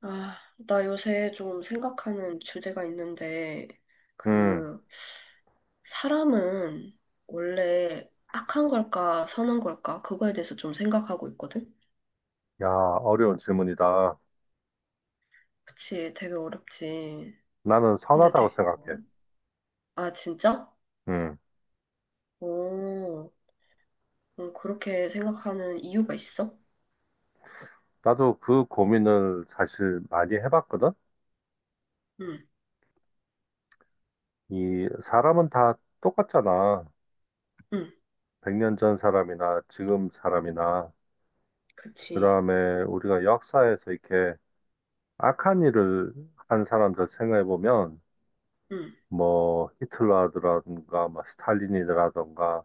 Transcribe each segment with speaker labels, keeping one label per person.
Speaker 1: 아, 나 요새 좀 생각하는 주제가 있는데,
Speaker 2: 음,
Speaker 1: 그, 사람은 원래 악한 걸까, 선한 걸까, 그거에 대해서 좀 생각하고 있거든?
Speaker 2: 야, 어려운 질문이다.
Speaker 1: 그치, 되게 어렵지.
Speaker 2: 나는
Speaker 1: 근데
Speaker 2: 선하다고
Speaker 1: 되,
Speaker 2: 생각해.
Speaker 1: 아, 진짜?
Speaker 2: 음,
Speaker 1: 오, 그렇게 생각하는 이유가 있어?
Speaker 2: 나도 그 고민을 사실 많이 해봤거든?
Speaker 1: 응,
Speaker 2: 이 사람은 다 똑같잖아.
Speaker 1: 응,
Speaker 2: 100년 전 사람이나 지금 사람이나, 그
Speaker 1: 그치.
Speaker 2: 다음에 우리가 역사에서 이렇게 악한 일을 한 사람들 생각해보면,
Speaker 1: 응,
Speaker 2: 뭐, 히틀러라든가, 뭐, 스탈린이라든가,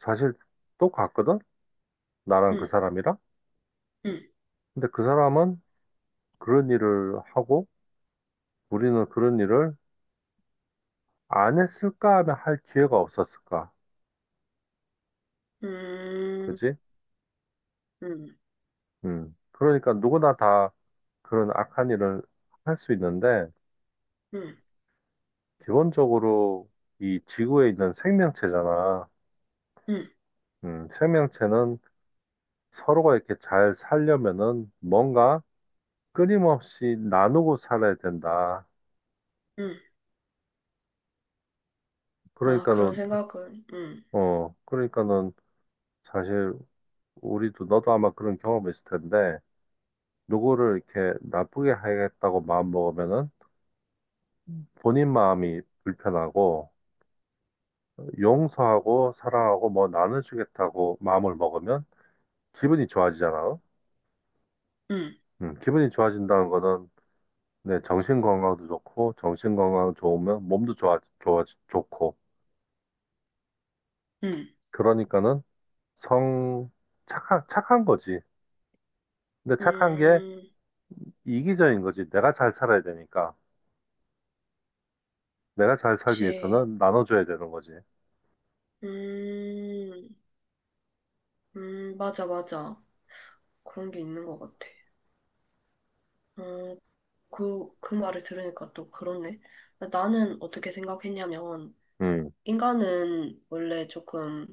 Speaker 2: 사실 똑같거든? 나랑 그
Speaker 1: 응,
Speaker 2: 사람이랑?
Speaker 1: 응,
Speaker 2: 근데 그 사람은 그런 일을 하고, 우리는 그런 일을 안 했을까 하면 할 기회가 없었을까.
Speaker 1: 음,
Speaker 2: 그지?
Speaker 1: 응, 응,
Speaker 2: 음. 그러니까 누구나 다 그런 악한 일을 할 수 있는데,
Speaker 1: 응,
Speaker 2: 기본적으로 이 지구에 있는 생명체잖아.
Speaker 1: 응.
Speaker 2: 생명체는 서로가 이렇게 잘 살려면은 뭔가 끊임없이 나누고 살아야 된다.
Speaker 1: 응. 아, 그런
Speaker 2: 그러니까는,
Speaker 1: 생각은, 응,
Speaker 2: 그러니까는 사실 우리도 너도 아마 그런 경험이 있을 텐데, 누구를 이렇게 나쁘게 하겠다고 마음 먹으면은 본인 마음이 불편하고, 용서하고 사랑하고 뭐 나눠주겠다고 마음을 먹으면 기분이 좋아지잖아요.
Speaker 1: 응,
Speaker 2: 기분이 좋아진다는 거는 내 정신 건강도 좋고 정신 건강 좋으면 몸도 좋아 좋아 좋고
Speaker 1: 응,
Speaker 2: 그러니까는 성 착한 착한 거지. 근데 착한 게
Speaker 1: 음,
Speaker 2: 이기적인 거지. 내가 잘 살아야 되니까 내가 잘 살기
Speaker 1: 그치.
Speaker 2: 위해서는 나눠줘야 되는 거지.
Speaker 1: 음, 맞아, 맞아. 그런 게 있는 것 같아. 어, 그 말을 들으니까 또 그렇네. 나는 어떻게 생각했냐면,
Speaker 2: 음,
Speaker 1: 인간은 원래 조금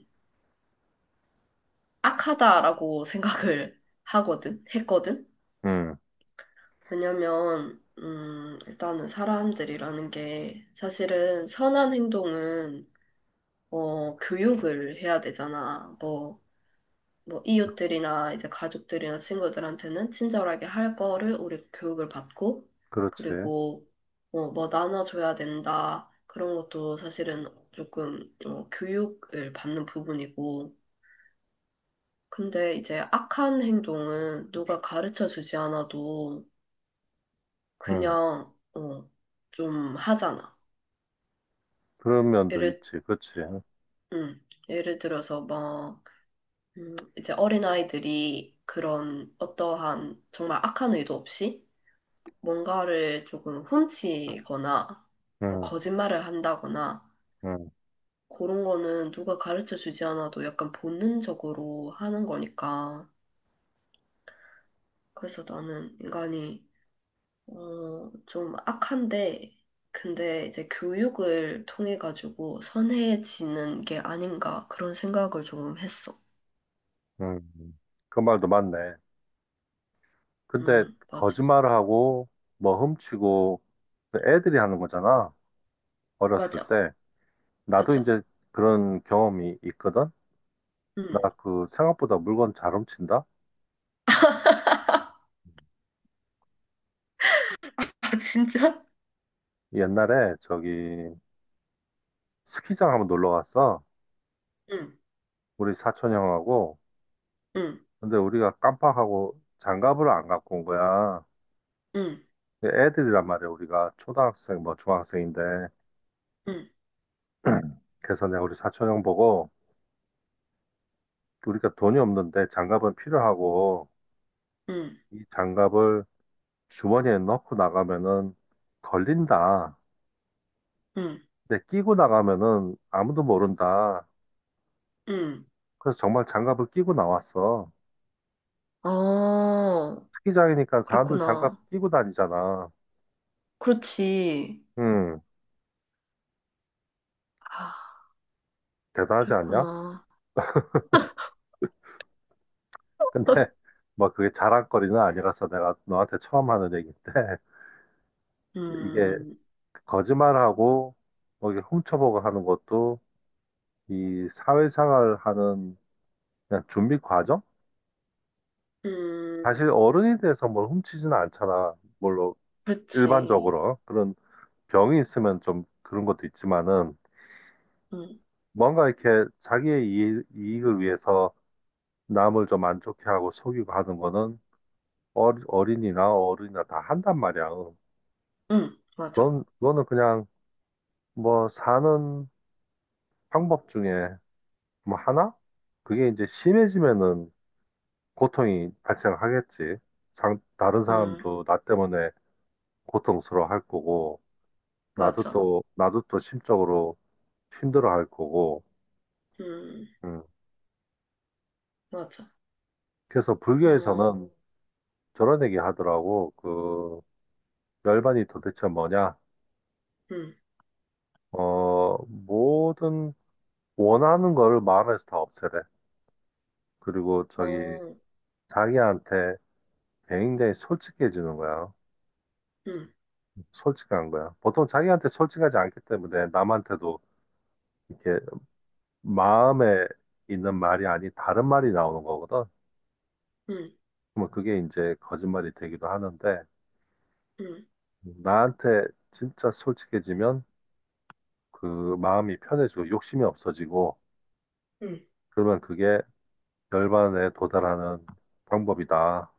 Speaker 1: 악하다라고 생각을 했거든?
Speaker 2: 음,
Speaker 1: 왜냐면, 일단은 사람들이라는 게 사실은 선한 행동은, 교육을 해야 되잖아. 뭐 이웃들이나 이제 가족들이나 친구들한테는 친절하게 할 거를 우리 교육을 받고.
Speaker 2: 그렇지.
Speaker 1: 그리고 뭐 나눠줘야 된다 그런 것도 사실은 조금 교육을 받는 부분이고. 근데 이제 악한 행동은 누가 가르쳐 주지 않아도
Speaker 2: 음,
Speaker 1: 그냥 좀 하잖아.
Speaker 2: 그런 면도
Speaker 1: 예를
Speaker 2: 있지. 그렇지.
Speaker 1: 음, 예를 들어서 막 이제 어린아이들이 그런 어떠한 정말 악한 의도 없이 뭔가를 조금 훔치거나 뭐
Speaker 2: 음,
Speaker 1: 거짓말을 한다거나
Speaker 2: 음,
Speaker 1: 그런 거는 누가 가르쳐 주지 않아도 약간 본능적으로 하는 거니까. 그래서 나는 인간이 좀 악한데 근데 이제 교육을 통해 가지고 선해지는 게 아닌가 그런 생각을 조금 했어.
Speaker 2: 음. 그 말도 맞네. 근데
Speaker 1: 맞아.
Speaker 2: 거짓말을 하고 뭐 훔치고 애들이 하는 거잖아. 어렸을
Speaker 1: 맞아.
Speaker 2: 때. 나도
Speaker 1: 맞아.
Speaker 2: 이제 그런 경험이 있거든. 나
Speaker 1: 음.
Speaker 2: 그 생각보다 물건 잘 훔친다.
Speaker 1: 아, 진짜?
Speaker 2: 옛날에 저기 스키장 한번 놀러 갔어.
Speaker 1: 응,
Speaker 2: 우리 사촌 형하고.
Speaker 1: 응,
Speaker 2: 근데 우리가 깜빡하고 장갑을 안 갖고 온 거야.
Speaker 1: 응,
Speaker 2: 근데 애들이란 말이야. 우리가 초등학생 뭐 중학생인데.
Speaker 1: 응,
Speaker 2: 그래서 내가 우리 사촌 형 보고 우리가 돈이 없는데 장갑은 필요하고
Speaker 1: 응,
Speaker 2: 이 장갑을 주머니에 넣고 나가면은 걸린다.
Speaker 1: 응,
Speaker 2: 근데 끼고 나가면은 아무도 모른다.
Speaker 1: 응.
Speaker 2: 그래서 정말 장갑을 끼고 나왔어.
Speaker 1: 어.
Speaker 2: 스키장이니까 사람들 장갑
Speaker 1: 그랬구나.
Speaker 2: 끼고 다니잖아.
Speaker 1: 그렇지.
Speaker 2: 음,
Speaker 1: 아,
Speaker 2: 대단하지 않냐?
Speaker 1: 그랬구나.
Speaker 2: 근데 뭐 그게 자랑거리는 아니라서 내가 너한테 처음 하는 얘기인데 이게
Speaker 1: 음,
Speaker 2: 거짓말하고 뭐 이게 훔쳐보고 하는 것도 이 사회생활 하는 그냥 준비 과정? 사실
Speaker 1: 음,
Speaker 2: 어른이 돼서 뭘 훔치지는 않잖아. 물론
Speaker 1: 그렇지.
Speaker 2: 일반적으로 그런 병이 있으면 좀 그런 것도 있지만은
Speaker 1: 음,
Speaker 2: 뭔가 이렇게 자기의 이익을 위해서 남을 좀 안 좋게 하고 속이고 하는 거는 어린이나 어른이나 다 한단 말이야.
Speaker 1: 맞아.
Speaker 2: 그거는 그냥 뭐 사는 방법 중에 뭐 하나? 그게 이제 심해지면은 고통이 발생하겠지. 다른
Speaker 1: 음,
Speaker 2: 사람도 나 때문에 고통스러워 할 거고, 나도
Speaker 1: 맞아.
Speaker 2: 또, 나도 또 심적으로 힘들어 할 거고,
Speaker 1: 음,
Speaker 2: 음.
Speaker 1: 맞아.
Speaker 2: 그래서
Speaker 1: 어,
Speaker 2: 불교에서는 저런 얘기 하더라고. 그 열반이 도대체 뭐냐?
Speaker 1: 음,
Speaker 2: 모든 원하는 거를 마음에서 다 없애래. 그리고 저기
Speaker 1: 어,
Speaker 2: 자기한테 굉장히 솔직해지는 거야.
Speaker 1: 음,
Speaker 2: 솔직한 거야. 보통 자기한테 솔직하지 않기 때문에 남한테도 이렇게 마음에 있는 말이 아닌 다른 말이 나오는 거거든.
Speaker 1: 음,
Speaker 2: 그러면 그게 이제 거짓말이 되기도 하는데
Speaker 1: 음,
Speaker 2: 나한테 진짜 솔직해지면 그 마음이 편해지고 욕심이 없어지고
Speaker 1: 음,
Speaker 2: 그러면 그게 열반에 도달하는 방법이다.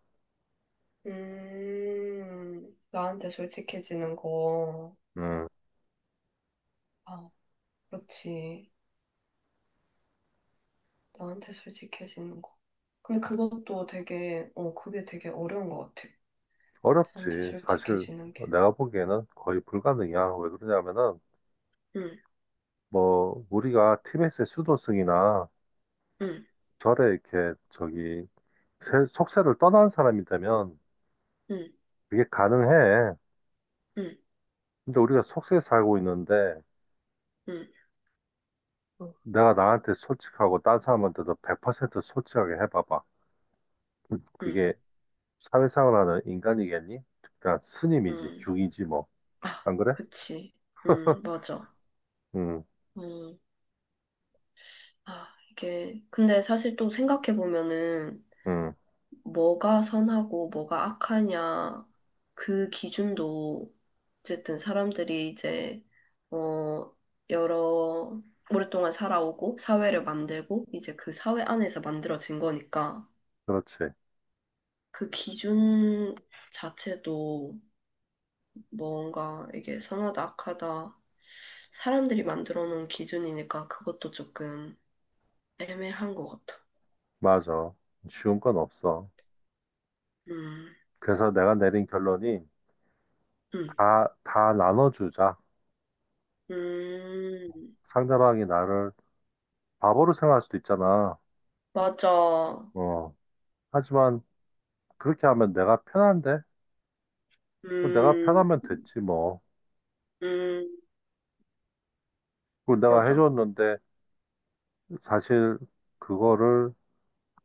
Speaker 1: 나한테 솔직해지는 거.
Speaker 2: 음,
Speaker 1: 아, 그렇지. 나한테 솔직해지는 거. 근데 그것도 되게, 그게 되게 어려운 것 같아. 나한테
Speaker 2: 어렵지. 사실
Speaker 1: 솔직해지는 게.
Speaker 2: 내가 보기에는 거의 불가능이야. 왜 그러냐면은
Speaker 1: 음,
Speaker 2: 뭐 우리가 티베트의 수도승이나
Speaker 1: 음,
Speaker 2: 절에 이렇게 저기 속세를 떠난 사람이 되면
Speaker 1: 음,
Speaker 2: 그게 가능해.
Speaker 1: 음.
Speaker 2: 근데 우리가 속세에 살고 있는데
Speaker 1: 음,
Speaker 2: 내가 나한테 솔직하고 딴 사람한테도 100% 솔직하게 해봐봐.
Speaker 1: 음,
Speaker 2: 그게 사회생활 하는 인간이겠니? 그냥 스님이지,
Speaker 1: 음.
Speaker 2: 중이지 뭐.
Speaker 1: 아,
Speaker 2: 안 그래?
Speaker 1: 그치. 맞아.
Speaker 2: 응,
Speaker 1: 음, 아, 이게, 근데 사실 또 생각해보면은,
Speaker 2: 응,
Speaker 1: 뭐가 선하고 뭐가 악하냐, 그 기준도, 어쨌든 사람들이 이제, 어, 여러, 오랫동안 살아오고, 사회를 만들고, 이제 그 사회 안에서 만들어진 거니까,
Speaker 2: 그렇지.
Speaker 1: 그 기준 자체도 뭔가 이게 선하다, 악하다, 사람들이 만들어 놓은 기준이니까 그것도 조금 애매한 것 같아.
Speaker 2: 맞아. 쉬운 건 없어.
Speaker 1: 음,
Speaker 2: 그래서 내가 내린 결론이
Speaker 1: 음,
Speaker 2: 다 나눠주자.
Speaker 1: 음,
Speaker 2: 상대방이 나를 바보로 생각할 수도 있잖아.
Speaker 1: 맞아.
Speaker 2: 어. 하지만 그렇게 하면 내가 편한데? 뭐 내가
Speaker 1: 음,
Speaker 2: 편하면 됐지 뭐.
Speaker 1: 음,
Speaker 2: 그리고 내가
Speaker 1: 맞아.
Speaker 2: 해줬는데 사실 그거를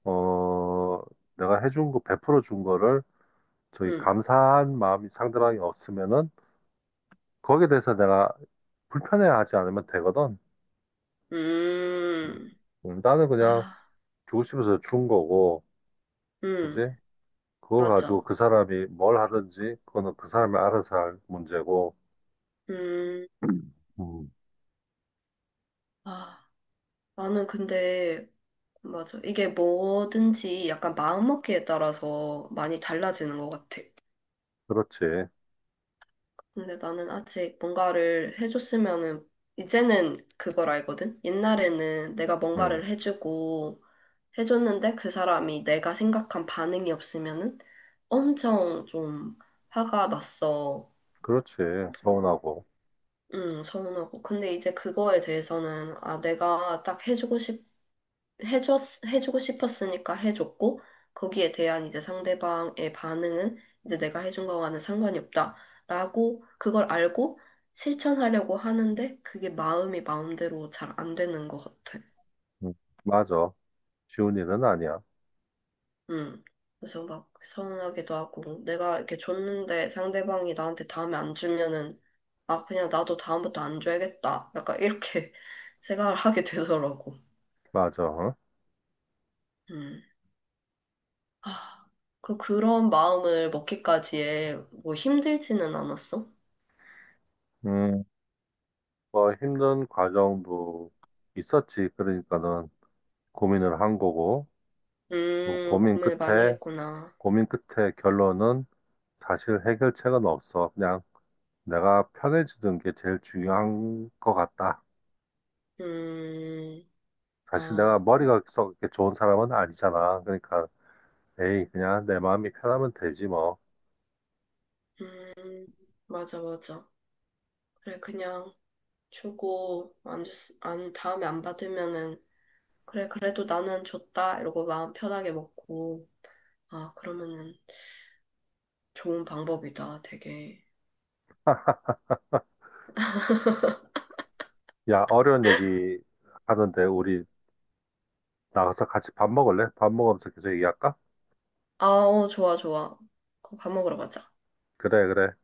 Speaker 2: 어 내가 해준 거 베풀어 준 거를 저기
Speaker 1: 음,
Speaker 2: 감사한 마음이 상대방이 없으면은 거기에 대해서 내가 불편해하지 않으면 되거든.
Speaker 1: 음,
Speaker 2: 나는 그냥
Speaker 1: 아,
Speaker 2: 주고 싶어서 준 거고.
Speaker 1: 음,
Speaker 2: 그지? 그거 가지고
Speaker 1: 맞아.
Speaker 2: 그 사람이 뭘 하든지 그거는 그 사람이 알아서 할 문제고,
Speaker 1: 음,
Speaker 2: 음,
Speaker 1: 아, 나는 근데, 맞아. 이게 뭐든지 약간 마음먹기에 따라서 많이 달라지는 것 같아.
Speaker 2: 그렇지,
Speaker 1: 근데 나는 아직 뭔가를 해줬으면은, 이제는 그걸 알거든? 옛날에는 내가
Speaker 2: 음,
Speaker 1: 뭔가를 해줬는데 그 사람이 내가 생각한 반응이 없으면은 엄청 좀 화가 났어.
Speaker 2: 그렇지, 서운하고,
Speaker 1: 응, 서운하고. 근데 이제 그거에 대해서는, 아, 내가 딱 해줬, 해주고 싶었으니까 해줬고, 거기에 대한 이제 상대방의 반응은 이제 내가 해준 거와는 상관이 없다라고, 그걸 알고 실천하려고 하는데, 그게 마음이 마음대로 잘 안 되는 것 같아.
Speaker 2: 음, 맞아, 쉬운 일은 아니야,
Speaker 1: 음. 그래서 막 서운하기도 하고, 내가 이렇게 줬는데 상대방이 나한테 다음에 안 주면은, 아, 그냥 나도 다음부터 안 줘야겠다. 약간 이렇게 생각을 하게 되더라고.
Speaker 2: 맞아, 어?
Speaker 1: 음. 아, 그런 마음을 먹기까지에 뭐 힘들지는 않았어?
Speaker 2: 음, 뭐 힘든 과정도 있었지, 그러니까는 고민을 한 거고, 그 고민
Speaker 1: 고민을 많이
Speaker 2: 끝에
Speaker 1: 했구나.
Speaker 2: 고민 끝에 결론은 사실 해결책은 없어, 그냥 내가 편해지는 게 제일 중요한 것 같다.
Speaker 1: 음,
Speaker 2: 사실
Speaker 1: 아,
Speaker 2: 내가 머리가 썩 이렇게 좋은 사람은 아니잖아. 그러니까, 에이, 그냥 내 마음이 편하면 되지 뭐.
Speaker 1: 음, 맞아, 맞아. 그래, 그냥 주고, 안 줬, 안, 다음에 안 받으면은, 그래, 그래도 나는 줬다. 이러고 마음 편하게 먹고, 아, 그러면은 좋은 방법이다, 되게.
Speaker 2: 야, 어려운 얘기 하는데 우리 나가서 같이 밥 먹을래? 밥 먹으면서 계속 얘기할까?
Speaker 1: 아, 좋아, 좋아. 그거 밥 먹으러 가자.
Speaker 2: 그래, 그래.